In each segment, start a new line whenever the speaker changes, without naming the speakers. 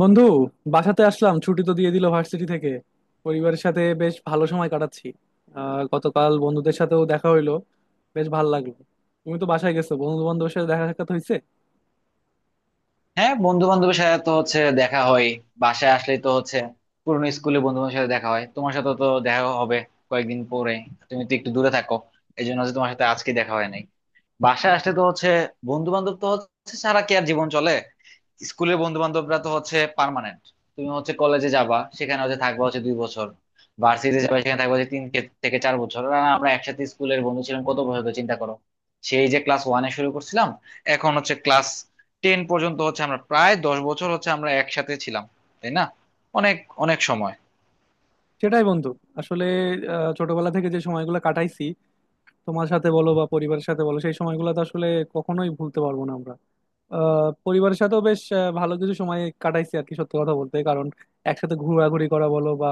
বন্ধু, বাসাতে আসলাম। ছুটি তো দিয়ে দিল ভার্সিটি থেকে। পরিবারের সাথে বেশ ভালো সময় কাটাচ্ছি। গতকাল বন্ধুদের সাথেও দেখা হইলো, বেশ ভালো লাগলো। তুমি তো বাসায় গেছো, বন্ধু বান্ধবের সাথে দেখা সাক্ষাৎ হয়েছে?
হ্যাঁ, বন্ধু বান্ধবের সাথে তো হচ্ছে দেখা হয়। বাসায় আসলেই তো হচ্ছে পুরনো স্কুলে বন্ধু বান্ধবের সাথে দেখা হয়। তোমার সাথে তো দেখা হবে কয়েকদিন পরে। তুমি তো একটু দূরে থাকো, এই জন্য হচ্ছে তোমার সাথে আজকে দেখা হয় নাই। বাসায় আসলে তো হচ্ছে বন্ধু বান্ধব তো হচ্ছে সারা কি আর জীবন চলে। স্কুলের বন্ধু বান্ধবরা তো হচ্ছে পার্মানেন্ট। তুমি হচ্ছে কলেজে যাবা, সেখানে হচ্ছে থাকবা হচ্ছে 2 বছর। ভার্সিটি যাবা, সেখানে থাকবা হচ্ছে থেকে চার বছর। আর আমরা একসাথে স্কুলের বন্ধু ছিলাম কত বছর ধরে চিন্তা করো। সেই যে ক্লাস ওয়ানে শুরু করছিলাম, এখন হচ্ছে ক্লাস টেন পর্যন্ত হচ্ছে আমরা প্রায় 10 বছর হচ্ছে আমরা একসাথে ছিলাম, তাই না? অনেক অনেক সময়।
সেটাই বন্ধু। আসলে ছোটবেলা থেকে যে সময়গুলো কাটাইছি তোমার সাথে বলো বা পরিবারের সাথে বলো, সেই সময়গুলো তো আসলে কখনোই ভুলতে পারবো না আমরা। পরিবারের সাথেও বেশ ভালো কিছু সময় কাটাইছি আর কি। সত্যি কথা বলতে, কারণ একসাথে ঘোরাঘুরি করা বলো বা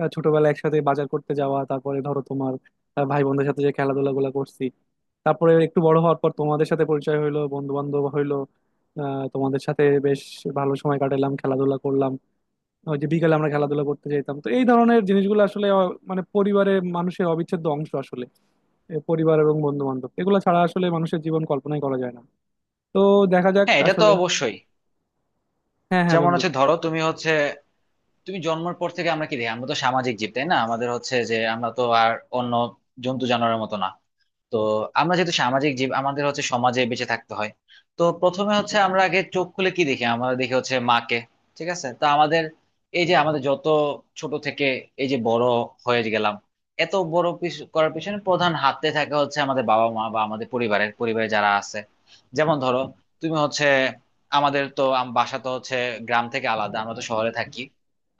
ছোটবেলায় একসাথে বাজার করতে যাওয়া, তারপরে ধরো তোমার ভাই বোনদের সাথে যে খেলাধুলা গুলা করছি। তারপরে একটু বড় হওয়ার পর তোমাদের সাথে পরিচয় হইলো, বন্ধু বান্ধব হইলো। তোমাদের সাথে বেশ ভালো সময় কাটালাম, খেলাধুলা করলাম। ওই যে বিকালে আমরা খেলাধুলা করতে যেতাম, তো এই ধরনের জিনিসগুলো আসলে মানে পরিবারের মানুষের অবিচ্ছেদ্য অংশ আসলে। এ পরিবার এবং বন্ধু বান্ধব এগুলো ছাড়া আসলে মানুষের জীবন কল্পনাই করা যায় না। তো দেখা যাক
হ্যাঁ, এটা তো
আসলে।
অবশ্যই।
হ্যাঁ হ্যাঁ
যেমন
বন্ধু।
হচ্ছে ধরো তুমি হচ্ছে তুমি জন্মের পর থেকে আমরা কি দেখি, আমরা তো সামাজিক জীব তাই না, আমাদের হচ্ছে যে আমরা তো আর অন্য জন্তু জানোয়ারের মতো না। তো আমরা যেহেতু সামাজিক জীব, আমাদের হচ্ছে সমাজে বেঁচে থাকতে হয়। তো প্রথমে হচ্ছে আমরা আগে চোখ খুলে কি দেখি, আমরা দেখি হচ্ছে মাকে। ঠিক আছে, তো আমাদের এই যে আমাদের যত ছোট থেকে এই যে বড় হয়ে গেলাম, এত বড় করার পিছনে প্রধান হাতে থাকে হচ্ছে আমাদের বাবা মা বা আমাদের পরিবারে যারা আছে। যেমন ধরো তুমি হচ্ছে আমাদের তো বাসা তো হচ্ছে গ্রাম থেকে আলাদা, আমরা তো শহরে থাকি।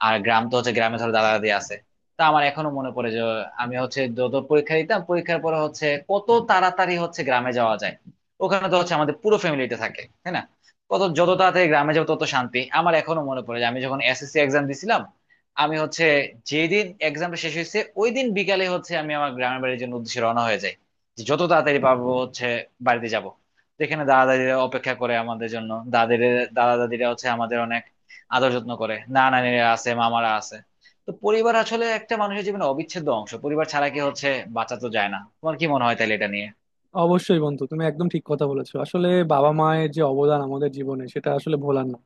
আর গ্রাম তো হচ্ছে গ্রামে ধরো দাদা দাদি আছে। তা আমার এখনো মনে পড়ে যে আমি হচ্ছে যত পরীক্ষা দিতাম পরীক্ষার পরে হচ্ছে কত তাড়াতাড়ি হচ্ছে গ্রামে যাওয়া যায়। ওখানে তো হচ্ছে আমাদের পুরো ফ্যামিলিতে থাকে, তাই না? কত যত তাড়াতাড়ি গ্রামে যাবো তত শান্তি। আমার এখনো মনে পড়ে যে আমি যখন এসএসসি এক্সাম দিছিলাম, আমি হচ্ছে যেদিন এক্সামটা শেষ হয়েছে ওই দিন বিকালে হচ্ছে আমি আমার গ্রামের বাড়ির জন্য উদ্দেশ্যে রওনা হয়ে যাই, যে যত তাড়াতাড়ি পারবো হচ্ছে বাড়িতে যাব, যেখানে দাদা দাদিরা অপেক্ষা করে আমাদের জন্য। দাদের দাদা দাদিরা হচ্ছে আমাদের অনেক আদর যত্ন করে, নানা নানিরা আছে, মামারা আছে। তো পরিবার আসলে একটা মানুষের জীবনে অবিচ্ছেদ্য অংশ, পরিবার ছাড়া কি হচ্ছে বাঁচা তো যায় না। তোমার কি মনে হয় তাহলে এটা নিয়ে?
অবশ্যই বন্ধু, তুমি একদম ঠিক কথা বলেছো। আসলে বাবা মায়ের যে অবদান আমাদের জীবনে, সেটা আসলে ভোলার না।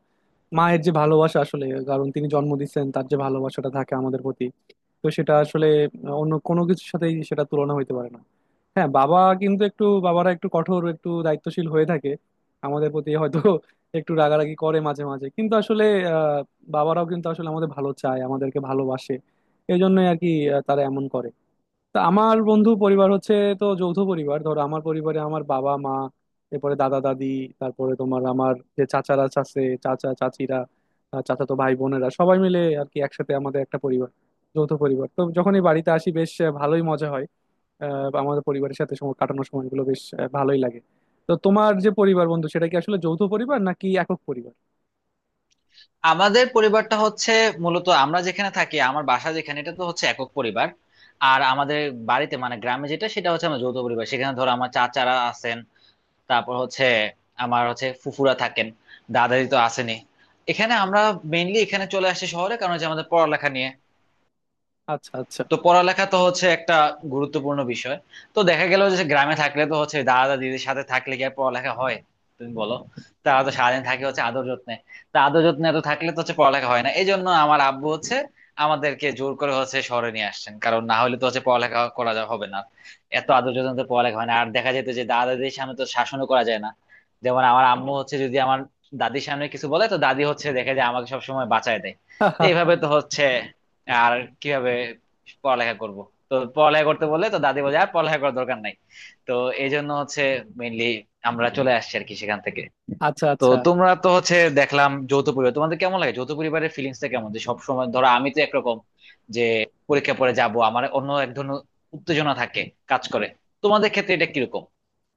মায়ের যে ভালোবাসা, আসলে কারণ তিনি জন্ম দিচ্ছেন, তার যে ভালোবাসাটা থাকে আমাদের প্রতি, তো সেটা আসলে অন্য কোনো কিছুর সাথেই সেটা তুলনা হইতে পারে না। হ্যাঁ বাবা কিন্তু একটু, বাবারা একটু কঠোর, একটু দায়িত্বশীল হয়ে থাকে আমাদের প্রতি। হয়তো একটু রাগারাগি করে মাঝে মাঝে, কিন্তু আসলে আহ বাবারাও কিন্তু আসলে আমাদের ভালো চায়, আমাদেরকে ভালোবাসে। এই জন্যই আর কি তারা এমন করে। তা আমার বন্ধু পরিবার হচ্ছে, তো যৌথ পরিবার। ধরো আমার পরিবারে আমার বাবা মা, এরপরে দাদা দাদি, তারপরে তোমার আমার যে চাচারা, চাচা চাচিরা, চাচাতো ভাই বোনেরা সবাই মিলে আর কি একসাথে আমাদের একটা পরিবার, যৌথ পরিবার। তো যখনই বাড়িতে আসি বেশ ভালোই মজা হয়। আমাদের পরিবারের সাথে সময় কাটানোর সময়গুলো বেশ ভালোই লাগে। তো তোমার যে পরিবার বন্ধু, সেটা কি আসলে যৌথ পরিবার নাকি একক পরিবার?
আমাদের পরিবারটা হচ্ছে মূলত আমরা যেখানে থাকি আমার বাসা যেখানে, এটা তো হচ্ছে একক পরিবার। আর আমাদের বাড়িতে মানে গ্রামে যেটা সেটা হচ্ছে আমার যৌথ পরিবার, সেখানে ধরো আমার চাচারা আছেন। তারপর হচ্ছে আমার হচ্ছে ফুফুরা থাকেন। দাদাদি তো আসেনি এখানে, আমরা মেইনলি এখানে চলে আসি শহরে কারণ হচ্ছে আমাদের পড়ালেখা নিয়ে।
আচ্ছা আচ্ছা।
তো পড়ালেখা তো হচ্ছে একটা গুরুত্বপূর্ণ বিষয়। তো দেখা গেল যে গ্রামে থাকলে তো হচ্ছে দাদা দিদির সাথে থাকলে কি আর পড়ালেখা হয়, তুমি বলো। তারা তো সারাদিন থাকে হচ্ছে আদর যত্নে। তা আদর যত্নে এত থাকলে তো হচ্ছে পড়ালেখা হয় না, এই জন্য আমার আব্বু হচ্ছে আমাদেরকে জোর করে হচ্ছে শহরে নিয়ে আসছেন, কারণ না হলে তো হচ্ছে পড়ালেখা করা হবে না। এত আদর যত্নে তো পড়ালেখা হয় না, আর দেখা যেত যে দাদা দিদির সামনে তো শাসনও করা যায় না। যেমন আমার আম্মু হচ্ছে যদি আমার দাদির সামনে কিছু বলে তো দাদি হচ্ছে দেখে যে আমাকে সবসময় বাঁচায় দেয়। তো এইভাবে তো হচ্ছে আর কিভাবে পড়ালেখা করব। তো পড়ালেখা করতে বলে তো দাদি বলে আর পড়ালেখা করার দরকার নাই। তো এই জন্য হচ্ছে মেইনলি আমরা চলে আসছি আর কি সেখান থেকে।
আচ্ছা
তো
আচ্ছা।
তোমরা তো হচ্ছে দেখলাম যৌথ পরিবার, তোমাদের কেমন লাগে যৌথ পরিবারের ফিলিংসটা কেমন? যে সবসময় ধরো আমি তো একরকম, যে পরীক্ষা পরে যাব আমার অন্য এক ধরনের উত্তেজনা থাকে, কাজ করে। তোমাদের ক্ষেত্রে এটা কিরকম?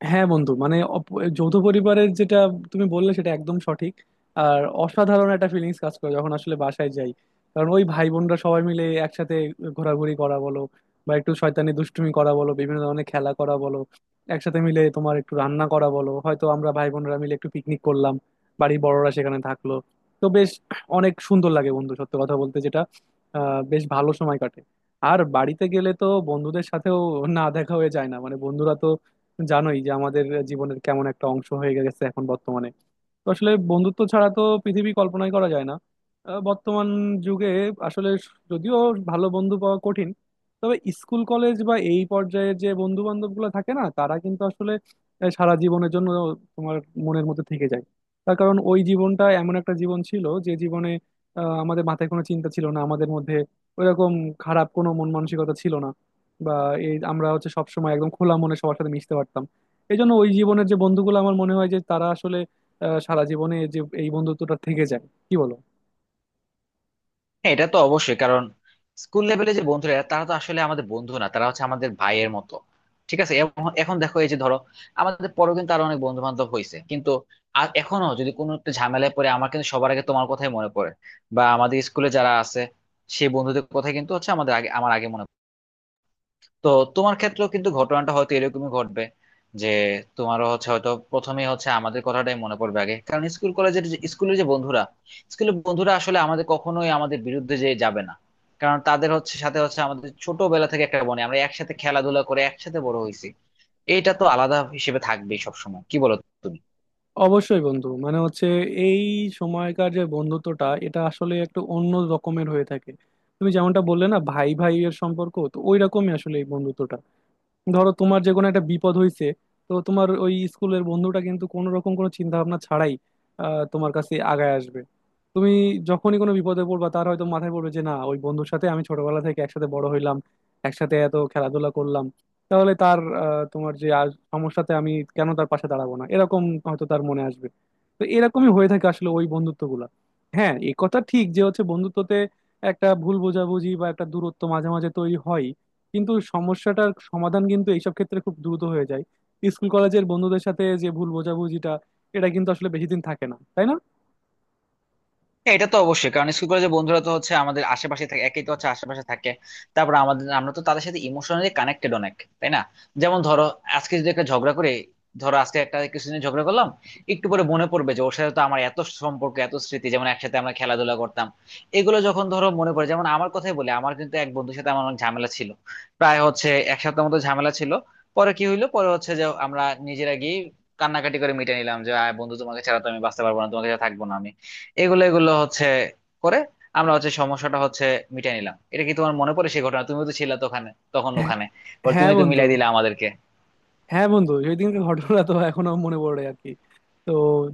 হ্যাঁ বন্ধু মানে যৌথ পরিবারের যেটা তুমি বললে, সেটা একদম সঠিক। আর অসাধারণ একটা ফিলিংস কাজ করে যখন আসলে বাসায় যাই। কারণ ওই ভাই বোনরা সবাই মিলে একসাথে ঘোরাঘুরি করা বলো, বা একটু শয়তানি দুষ্টুমি করা বলো, বিভিন্ন ধরনের খেলা করা বলো, একসাথে মিলে তোমার একটু রান্না করা বলো, হয়তো আমরা ভাই বোনরা মিলে একটু পিকনিক করলাম, বাড়ির বড়রা সেখানে থাকলো, তো বেশ অনেক সুন্দর লাগে বন্ধু সত্য কথা বলতে। যেটা বেশ ভালো সময় কাটে। আর বাড়িতে গেলে তো বন্ধুদের সাথেও না দেখা হয়ে যায় না। মানে বন্ধুরা তো জানোই যে আমাদের জীবনের কেমন একটা অংশ হয়ে গেছে এখন বর্তমানে। তো আসলে বন্ধুত্ব ছাড়া তো পৃথিবী কল্পনাই করা যায় না বর্তমান যুগে। আসলে যদিও ভালো বন্ধু পাওয়া কঠিন, তবে স্কুল কলেজ বা এই পর্যায়ে যে বন্ধু বান্ধব গুলো থাকে না, তারা কিন্তু আসলে সারা জীবনের জন্য তোমার মনের মধ্যে থেকে যায়। তার কারণ ওই জীবনটা এমন একটা জীবন ছিল যে জীবনে আমাদের মাথায় কোনো চিন্তা ছিল না। আমাদের মধ্যে ওইরকম খারাপ কোনো মন মানসিকতা ছিল না। বা এই আমরা হচ্ছে সবসময় একদম খোলা মনে সবার সাথে মিশতে পারতাম। এই জন্য ওই জীবনের যে বন্ধুগুলো, আমার মনে হয় যে তারা আসলে সারা জীবনে যে এই বন্ধুত্বটা থেকে যায়, কি বলো?
হ্যাঁ, এটা তো অবশ্যই, কারণ স্কুল লেভেলে যে বন্ধুরা তারা তো আসলে আমাদের বন্ধু না, তারা হচ্ছে আমাদের ভাইয়ের মতো। ঠিক আছে, এবং এখন দেখো এই যে ধরো আমাদের পরেও কিন্তু আরো অনেক বন্ধু বান্ধব হয়েছে, কিন্তু এখনো যদি কোনো একটা ঝামেলায় পড়ে আমার কিন্তু সবার আগে তোমার কথাই মনে পড়ে, বা আমাদের স্কুলে যারা আছে সেই বন্ধুদের কথাই কিন্তু হচ্ছে আমাদের আগে আমার আগে মনে। তো তোমার ক্ষেত্রেও কিন্তু ঘটনাটা হয়তো এরকমই ঘটবে, যে তোমারও হচ্ছে হয়তো প্রথমেই হচ্ছে আমাদের কথাটাই মনে পড়বে আগে। কারণ স্কুল স্কুলের যে বন্ধুরা, স্কুলের বন্ধুরা আসলে আমাদের কখনোই আমাদের বিরুদ্ধে যে যাবে না, কারণ তাদের হচ্ছে সাথে হচ্ছে আমাদের ছোটবেলা থেকে একটা বনে আমরা একসাথে খেলাধুলা করে একসাথে বড় হয়েছি। এইটা তো আলাদা হিসেবে থাকবেই সবসময়, কি বলো তুমি?
অবশ্যই বন্ধু, মানে হচ্ছে এই সময়কার যে বন্ধুত্বটা, এটা আসলে একটু অন্য রকমের হয়ে থাকে। তুমি যেমনটা বললে না, ভাই ভাইয়ের সম্পর্ক তো ওই রকমই আসলে এই বন্ধুত্বটা। ধরো তোমার যে কোনো একটা বিপদ হয়েছে, তো তোমার ওই স্কুলের বন্ধুটা কিন্তু কোনো রকম কোনো চিন্তা ভাবনা ছাড়াই তোমার কাছে আগায় আসবে। তুমি যখনই কোনো বিপদে পড়বা, তার হয়তো মাথায় পড়বে যে না ওই বন্ধুর সাথে আমি ছোটবেলা থেকে একসাথে বড় হইলাম, একসাথে এত খেলাধুলা করলাম, তাহলে তার তোমার যে আজ সমস্যাতে আমি কেন তার পাশে দাঁড়াবো না, এরকম হয়তো তার মনে আসবে। তো এরকমই হয়ে থাকে আসলে ওই বন্ধুত্বগুলা। হ্যাঁ, এ কথা ঠিক যে হচ্ছে বন্ধুত্বতে একটা ভুল বোঝাবুঝি বা একটা দূরত্ব মাঝে মাঝে তৈরি হয়, কিন্তু সমস্যাটার সমাধান কিন্তু এইসব ক্ষেত্রে খুব দ্রুত হয়ে যায়। স্কুল কলেজের বন্ধুদের সাথে যে ভুল বোঝাবুঝিটা, এটা কিন্তু আসলে বেশি দিন থাকে না, তাই না?
হ্যাঁ, এটা তো অবশ্যই, কারণ স্কুল কলেজের বন্ধুরা তো হচ্ছে আমাদের আশেপাশে থাকে, একই তো হচ্ছে আশেপাশে থাকে। তারপর আমাদের, আমরা তো তাদের সাথে ইমোশনালি কানেক্টেড অনেক, তাই না? যেমন ধরো আজকে যদি একটা ঝগড়া করে, ধরো আজকে একটা কিছুদিন ঝগড়া করলাম, একটু পরে মনে পড়বে যে ওর সাথে তো আমার এত সম্পর্ক এত স্মৃতি, যেমন একসাথে আমরা খেলাধুলা করতাম। এগুলো যখন ধরো মনে পড়ে, যেমন আমার কথাই বলি, আমার কিন্তু এক বন্ধুর সাথে আমার অনেক ঝামেলা ছিল, প্রায় হচ্ছে 1 সপ্তাহ মতো ঝামেলা ছিল। পরে কি হইলো, পরে হচ্ছে যে আমরা নিজেরা গিয়ে কান্নাকাটি করে মিটে নিলাম, যে "আয় বন্ধু তোমাকে ছাড়া তো আমি বাঁচতে পারবো না, তোমাকে ছাড়া থাকবো না আমি"। এগুলো এগুলো হচ্ছে করে আমরা হচ্ছে সমস্যাটা হচ্ছে মিটাই নিলাম। এটা কি তোমার মনে পড়ে সেই ঘটনা? তুমিও তো ছিলা তো ওখানে, তখন
হ্যাঁ
ওখানে। পরে
হ্যাঁ
তুমি তো
বন্ধু।
মিলাই দিলে আমাদেরকে।
হ্যাঁ বন্ধু, ওই দিনকার ঘটনা তো এখনো মনে পড়ে আর কি। তো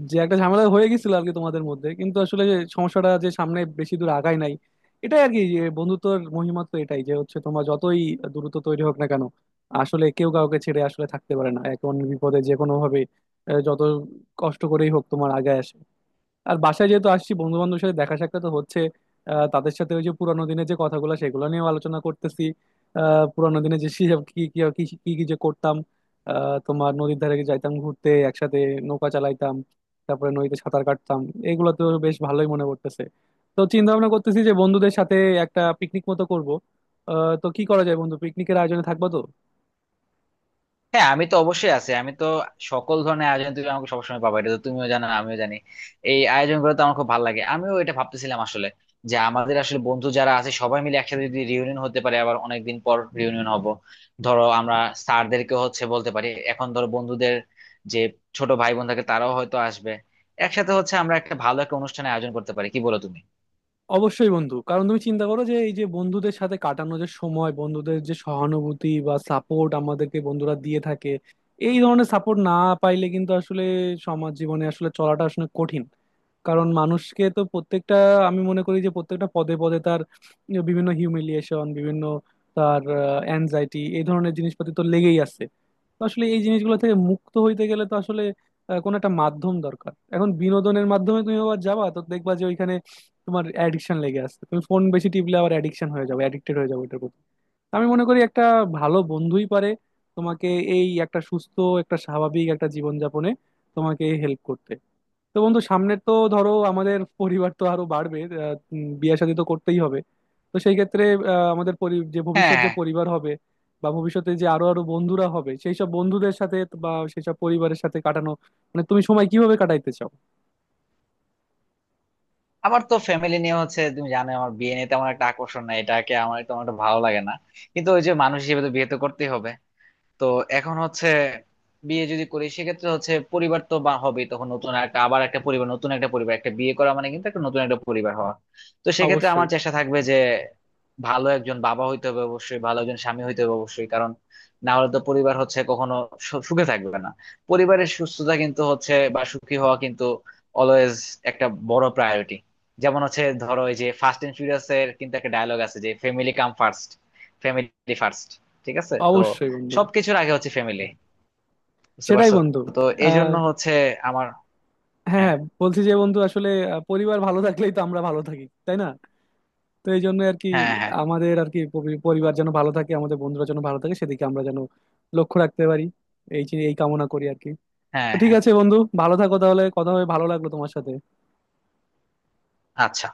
যে একটা ঝামেলা হয়ে গেছিল আর কি তোমাদের মধ্যে, কিন্তু আসলে যে সমস্যাটা যে সামনে বেশি দূর আগায় নাই, এটাই আর কি। যে বন্ধুত্বর মহিমা তো এটাই, যে হচ্ছে তোমার যতই দূরত্ব তৈরি হোক না কেন, আসলে কেউ কাউকে ছেড়ে আসলে থাকতে পারে না। এখন বিপদে যে কোনো ভাবে যত কষ্ট করেই হোক তোমার আগে আসে। আর বাসায় যেহেতু আসছি, বন্ধু বান্ধবের সাথে দেখা সাক্ষাৎ তো হচ্ছে। তাদের সাথে ওই যে পুরানো দিনের যে কথাগুলো সেগুলো নিয়েও আলোচনা করতেছি। পুরানো দিনে যে কি কি কি কি কি যে করতাম, তোমার নদীর ধারে যাইতাম ঘুরতে একসাথে, নৌকা চালাইতাম, তারপরে নদীতে সাঁতার কাটতাম। এগুলো তো বেশ ভালোই মনে পড়তেছে। তো চিন্তা ভাবনা করতেছি যে বন্ধুদের সাথে একটা পিকনিক মতো করব। তো কি করা যায় বন্ধু, পিকনিকের আয়োজনে থাকবো তো?
হ্যাঁ, আমি তো অবশ্যই আছি, আমি তো সকল ধরনের আয়োজন, তুমি আমাকে সবসময় পাবা, এটা তো তুমিও জানো আমিও জানি। এই আয়োজন গুলো তো আমার খুব ভালো লাগে, আমিও এটা ভাবতেছিলাম আসলে, যে আমাদের আসলে বন্ধু যারা আছে সবাই মিলে একসাথে যদি রিউনিয়ন হতে পারে, আবার অনেকদিন পর রিউনিয়ন হব। ধরো আমরা স্যারদেরকে হচ্ছে বলতে পারি, এখন ধরো বন্ধুদের যে ছোট ভাই বোন থাকে তারাও হয়তো আসবে, একসাথে হচ্ছে আমরা একটা ভালো একটা অনুষ্ঠানের আয়োজন করতে পারি, কি বলো তুমি?
অবশ্যই বন্ধু, কারণ তুমি চিন্তা করো যে এই যে বন্ধুদের সাথে কাটানো যে সময়, বন্ধুদের যে সহানুভূতি বা সাপোর্ট আমাদেরকে বন্ধুরা দিয়ে থাকে, এই ধরনের সাপোর্ট না পাইলে কিন্তু আসলে সমাজ জীবনে আসলে চলাটা আসলে কঠিন। কারণ মানুষকে তো প্রত্যেকটা, আমি মনে করি যে প্রত্যেকটা পদে পদে তার বিভিন্ন হিউমিলিয়েশন, বিভিন্ন তার অ্যাংজাইটি, এই ধরনের জিনিসপাতি তো লেগেই আছে। তো আসলে এই জিনিসগুলো থেকে মুক্ত হইতে গেলে তো আসলে কোনো একটা মাধ্যম দরকার। এখন বিনোদনের মাধ্যমে তুমি আবার যাবা, তো দেখবা যে ওইখানে তোমার অ্যাডিকশন লেগে আসছে। তুমি ফোন বেশি টিপলে আবার অ্যাডিকশন হয়ে যাবে, অ্যাডিক্টেড হয়ে যাবে এটার প্রতি। আমি মনে করি একটা ভালো বন্ধুই পারে তোমাকে এই একটা সুস্থ একটা স্বাভাবিক একটা জীবনযাপনে তোমাকে হেল্প করতে। তো বন্ধু, সামনের তো ধরো আমাদের পরিবার তো আরো বাড়বে, বিয়ে শাদী তো করতেই হবে। তো সেই ক্ষেত্রে আমাদের যে
হ্যাঁ,
ভবিষ্যৎ যে
হ্যাঁ।
পরিবার হবে, বা ভবিষ্যতে যে আরো আরো বন্ধুরা হবে, সেই সব বন্ধুদের সাথে বা সেই সব পরিবারের সাথে কাটানো, মানে তুমি সময় কিভাবে কাটাইতে চাও?
আমার তো ফ্যামিলি নিয়ে হচ্ছে, তুমি জানো আমার বিয়ে নিয়ে তেমন একটা আকর্ষণ নাই, এটাকে আমার তেমন একটা ভালো লাগে না। কিন্তু ওই যে মানুষ হিসেবে তো বিয়ে তো করতেই হবে। তো এখন হচ্ছে বিয়ে যদি করি সেক্ষেত্রে হচ্ছে পরিবার তো বা হবেই, তখন নতুন একটা আবার একটা পরিবার, নতুন একটা পরিবার, একটা বিয়ে করা মানে কিন্তু একটা নতুন একটা পরিবার হওয়া। তো সেক্ষেত্রে
অবশ্যই।
আমার চেষ্টা থাকবে যে ভালো একজন বাবা হইতে হবে অবশ্যই, ভালো একজন স্বামী হইতে হবে অবশ্যই, কারণ না হলে তো পরিবার হচ্ছে কখনো সুখে থাকবে না। পরিবারের সুস্থতা কিন্তু হচ্ছে বা সুখী হওয়া কিন্তু অলওয়েজ একটা বড় প্রায়োরিটি। যেমন হচ্ছে ধরো এই যে ফার্স্ট এন্ড ফিউরিয়াস এর কিন্তু একটা ডায়লগ আছে যে family come first, family first. ঠিক আছে, তো
অবশ্যই বন্ধু।
সবকিছুর আগে হচ্ছে ফ্যামিলি, বুঝতে
সেটাই
পারছো?
বন্ধু।
তো এই
আহ
জন্য হচ্ছে আমার।
হ্যাঁ
হ্যাঁ।
হ্যাঁ, বলছি যে বন্ধু আসলে পরিবার ভালো থাকলেই তো আমরা ভালো থাকি, তাই না? তো এই জন্য আর কি
হ্যাঁ, হ্যাঁ,
আমাদের আর কি পরিবার যেন ভালো থাকে, আমাদের বন্ধুরা যেন ভালো থাকে, সেদিকে আমরা যেন লক্ষ্য রাখতে পারি, এই কামনা করি আর কি। তো
হ্যাঁ,
ঠিক
হ্যাঁ।
আছে বন্ধু, ভালো থাকো তাহলে। কথা হবে, ভালো লাগলো তোমার সাথে।
আচ্ছা।